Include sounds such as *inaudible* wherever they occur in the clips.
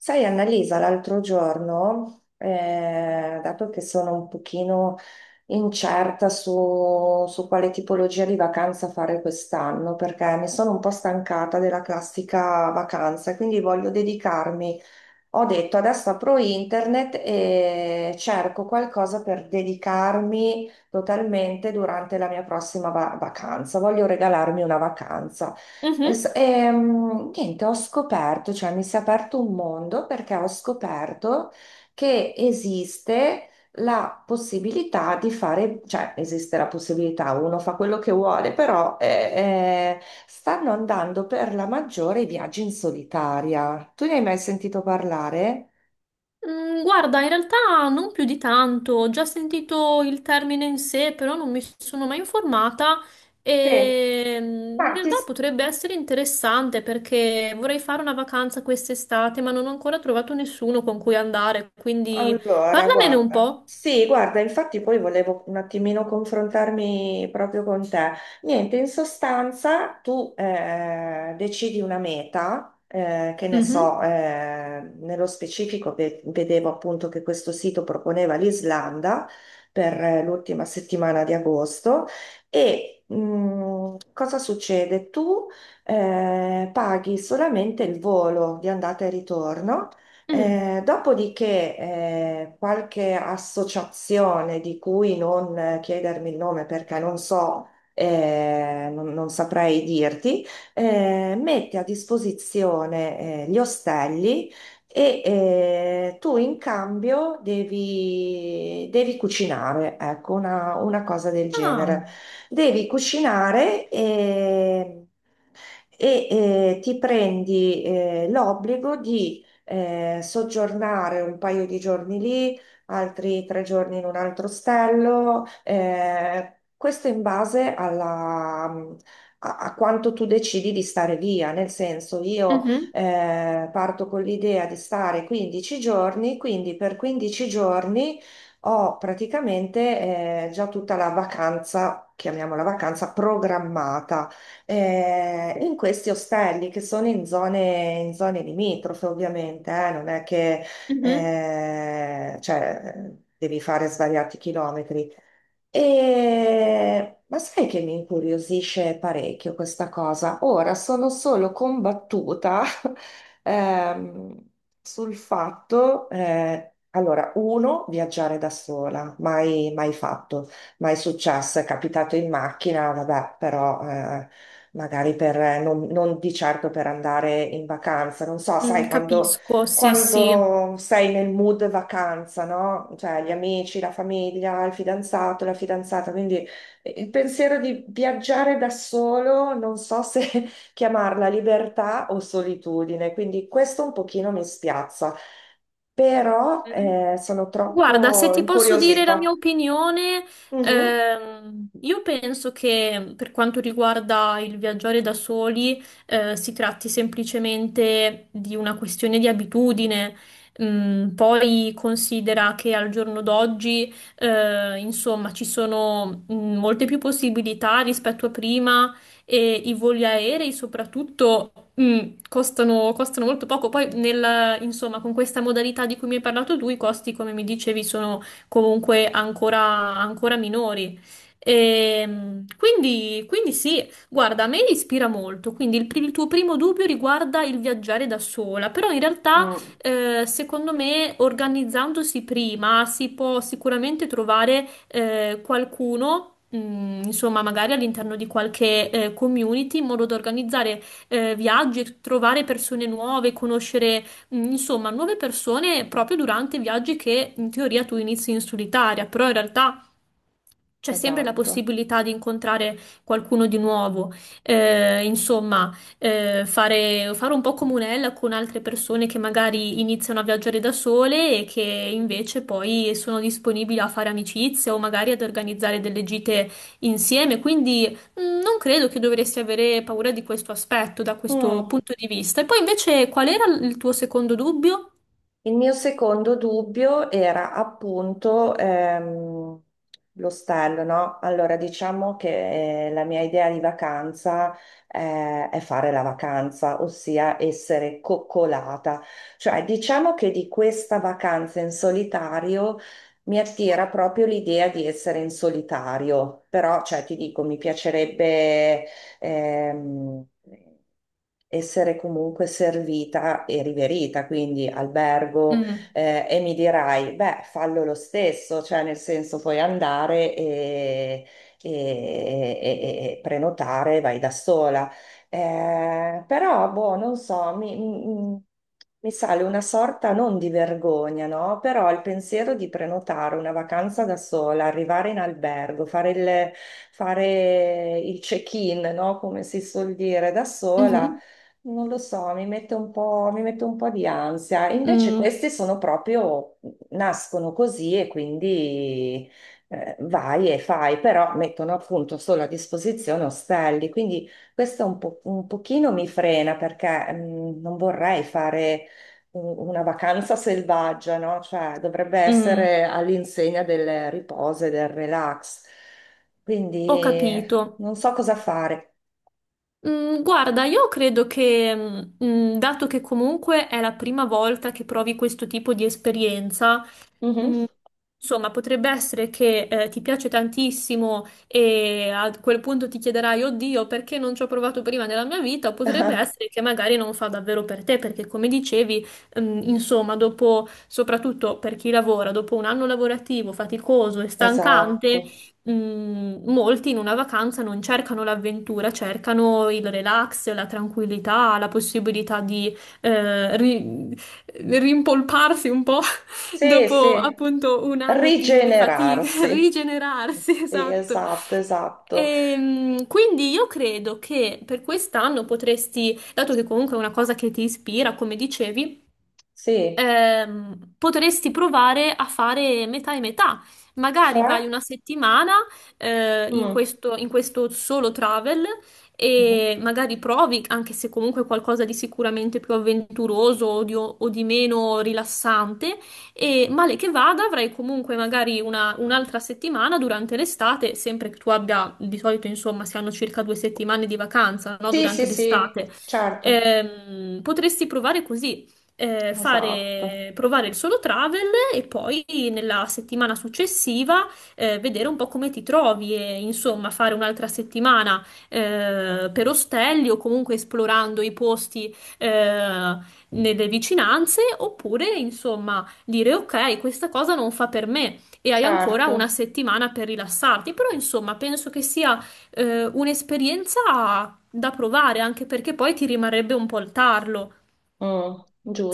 Sai, Annalisa, l'altro giorno, dato che sono un pochino incerta su quale tipologia di vacanza fare quest'anno, perché mi sono un po' stancata della classica vacanza, quindi voglio dedicarmi, ho detto, adesso apro internet e cerco qualcosa per dedicarmi totalmente durante la mia prossima vacanza. Voglio regalarmi una vacanza. Mhm. Niente, ho scoperto, cioè mi si è aperto un mondo perché ho scoperto che esiste la possibilità di fare, cioè esiste la possibilità, uno fa quello che vuole, però stanno andando per la maggiore i viaggi in solitaria. Tu ne hai mai sentito parlare? Guarda, in realtà non più di tanto, ho già sentito il termine in sé, però non mi sono mai informata Sì. e in Ma ti, realtà potrebbe essere interessante perché vorrei fare una vacanza quest'estate, ma non ho ancora trovato nessuno con cui andare, quindi allora, parlamene un guarda, po'. sì, guarda, infatti poi volevo un attimino confrontarmi proprio con te. Niente, in sostanza tu decidi una meta, che ne Mhm. so, nello specifico vedevo appunto che questo sito proponeva l'Islanda per l'ultima settimana di agosto e cosa succede? Tu paghi solamente il volo di andata e ritorno, Mm. dopodiché, qualche associazione di cui non, chiedermi il nome perché non so, non saprei dirti, mette a disposizione gli ostelli e, tu in cambio devi cucinare, ecco, una cosa del Ah, genere. Devi cucinare e, e ti prendi l'obbligo di soggiornare un paio di giorni lì, altri tre giorni in un altro ostello, questo in base a, a quanto tu decidi di stare via, nel senso io mhm, parto con l'idea di stare 15 giorni, quindi per 15 giorni ho praticamente già tutta la vacanza, chiamiamola vacanza, programmata in questi ostelli che sono in zone limitrofe, ovviamente, non è che mhm. Devi fare svariati chilometri. Ma sai che mi incuriosisce parecchio questa cosa? Ora sono solo combattuta, *laughs* ehm, sul fatto, allora, uno, viaggiare da sola, mai, mai fatto, mai successo, è capitato in macchina, vabbè, però magari per, non, non di certo per andare in vacanza, non so, Mm, sai, quando, capisco, sì, sì. quando sei nel mood vacanza, no? Cioè gli amici, la famiglia, il fidanzato, la fidanzata, quindi il pensiero di viaggiare da solo, non so se *laughs* chiamarla libertà o solitudine, quindi questo un pochino mi spiazza, però sono Guarda, se troppo ti posso dire la mia incuriosita. opinione, Mhm. Io penso che per quanto riguarda il viaggiare da soli, si tratti semplicemente di una questione di abitudine. Mm, poi considera che al giorno d'oggi, insomma, ci sono molte più possibilità rispetto a prima e i voli aerei soprattutto mm, costano molto poco. Poi, insomma, con questa modalità di cui mi hai parlato tu, i costi, come mi dicevi, sono comunque ancora minori. Quindi sì, guarda, a me ispira molto. Quindi il tuo primo dubbio riguarda il viaggiare da sola, però in realtà Mm. Secondo me, organizzandosi prima si può sicuramente trovare qualcuno. Insomma, magari all'interno di qualche community in modo da organizzare viaggi, trovare persone nuove, conoscere insomma nuove persone proprio durante viaggi che in teoria tu inizi in solitaria, però in realtà c'è sempre la Esatto. possibilità di incontrare qualcuno di nuovo. Insomma, fare un po' comunella con altre persone che magari iniziano a viaggiare da sole e che invece poi sono disponibili a fare amicizie o magari ad organizzare delle gite insieme. Quindi non credo che dovresti avere paura di questo aspetto da questo Mm. punto di vista. E poi invece qual era il tuo secondo dubbio? Il mio secondo dubbio era appunto l'ostello, no? Allora, diciamo che la mia idea di vacanza è fare la vacanza, ossia essere coccolata. Cioè, diciamo che di questa vacanza in solitario mi attira proprio l'idea di essere in solitario, però, cioè, ti dico, mi piacerebbe ehm, essere comunque servita e riverita, quindi albergo, Mm, e mi dirai, beh, fallo lo stesso, cioè nel senso puoi andare e, e prenotare, vai da sola. Però, boh, non so, mi sale una sorta non di vergogna, no? Però il pensiero di prenotare una vacanza da sola, arrivare in albergo, fare il check-in, no? Come si suol dire, da sola, mhm, non lo so, mi mette un po' di ansia. Invece mm, questi sono proprio, nascono così e quindi vai e fai, però mettono appunto solo a disposizione ostelli, quindi un pochino mi frena perché non vorrei fare una vacanza selvaggia, no? Cioè, dovrebbe mm. essere all'insegna del riposo e del relax. Quindi Ho capito. non so cosa fare. Guarda, io credo che, dato che comunque è la prima volta che provi questo tipo di esperienza, Mhm. Mm, insomma, potrebbe essere che ti piace tantissimo e a quel punto ti chiederai, oddio, perché non ci ho provato prima nella mia vita? O potrebbe essere che magari non fa davvero per te, perché come dicevi, insomma, dopo, soprattutto per chi lavora, dopo un anno lavorativo faticoso e Esatto. stancante, molti in una vacanza non cercano l'avventura, cercano il relax, la tranquillità, la possibilità di eh, ri- rimpolparsi un po' Sì, dopo sì. appunto un anno di fatica, *laughs* Rigenerarsi. rigenerarsi, Sì, esatto. esatto, esatto. Quindi io credo che per quest'anno potresti, dato che comunque è una cosa che ti ispira, come dicevi, Sì. Potresti provare a fare metà e metà. Magari Cioè? vai una settimana, Mm. In questo solo travel Mhm. e magari provi, anche se comunque qualcosa di sicuramente più avventuroso o di meno rilassante, e male che vada avrai comunque magari un'altra settimana durante l'estate, sempre che tu abbia, di solito insomma, si hanno circa due settimane di vacanza, no? Sì, sì, Durante sì, l'estate. certo. Potresti provare così Esatto. Provare il solo travel e poi nella settimana successiva vedere un po' come ti trovi e insomma fare un'altra settimana per ostelli o comunque esplorando i posti nelle vicinanze oppure insomma dire ok, questa cosa non fa per me. E hai ancora una Certo. settimana per rilassarti, però insomma penso che sia un'esperienza da provare anche perché poi ti rimarrebbe un po' il tarlo Mm,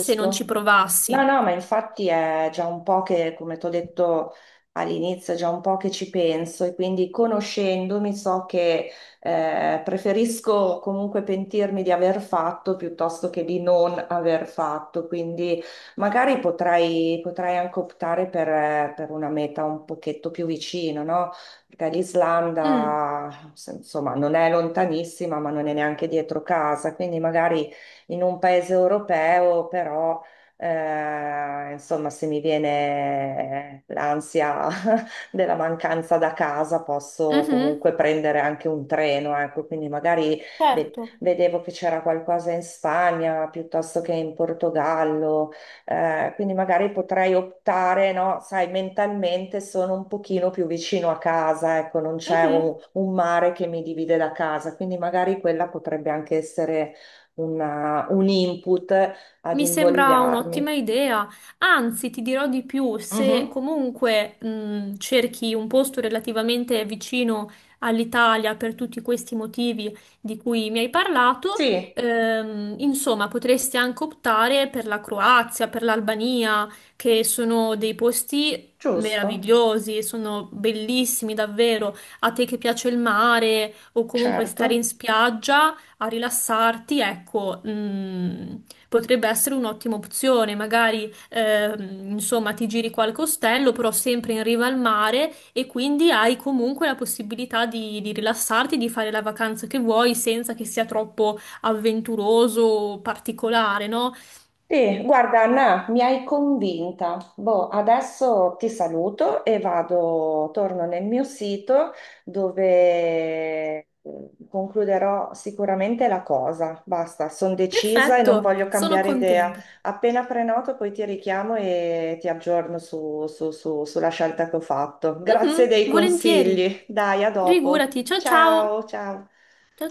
se non ci No, provassi. no, ma infatti è già un po' che, come ti ho detto all'inizio, è già un po' che ci penso e quindi conoscendomi so che preferisco comunque pentirmi di aver fatto piuttosto che di non aver fatto, quindi magari potrei anche optare per una meta un pochetto più vicina, no? Perché Mm, l'Islanda, insomma, non è lontanissima, ma non è neanche dietro casa, quindi magari in un paese europeo, però insomma, se mi viene l'ansia *laughs* della mancanza da casa, posso mhm, comunque prendere anche un treno, ecco, quindi magari certo. vedevo che c'era qualcosa in Spagna piuttosto che in Portogallo, quindi magari potrei optare, no? Sai, mentalmente sono un pochino più vicino a casa, ecco, non c'è Mhm. un mare che mi divide da casa, quindi magari quella potrebbe anche essere un input ad Mi sembra un'ottima invogliarmi. idea, anzi ti dirò di più, se Mhm. comunque cerchi un posto relativamente vicino all'Italia per tutti questi motivi di cui mi hai parlato, Sì, insomma potresti anche optare per la Croazia, per l'Albania, che sono dei posti giusto, meravigliosi, sono bellissimi davvero, a te che piace il mare o comunque stare in certo. spiaggia a rilassarti, ecco, mm, potrebbe essere un'ottima opzione. Magari, insomma, ti giri qualche ostello, però sempre in riva al mare e quindi hai comunque la possibilità di rilassarti, di fare la vacanza che vuoi senza che sia troppo avventuroso o particolare, no? Sì, guarda Anna, mi hai convinta. Boh, adesso ti saluto e vado, torno nel mio sito dove concluderò sicuramente la cosa. Basta, sono decisa e non Perfetto, voglio sono cambiare idea. contenta. Appena prenoto, poi ti richiamo e ti aggiorno sulla scelta che ho fatto. Grazie Mhm, dei volentieri. consigli. Dai, a dopo. Figurati, ciao ciao. Ciao, ciao. Ciao ciao.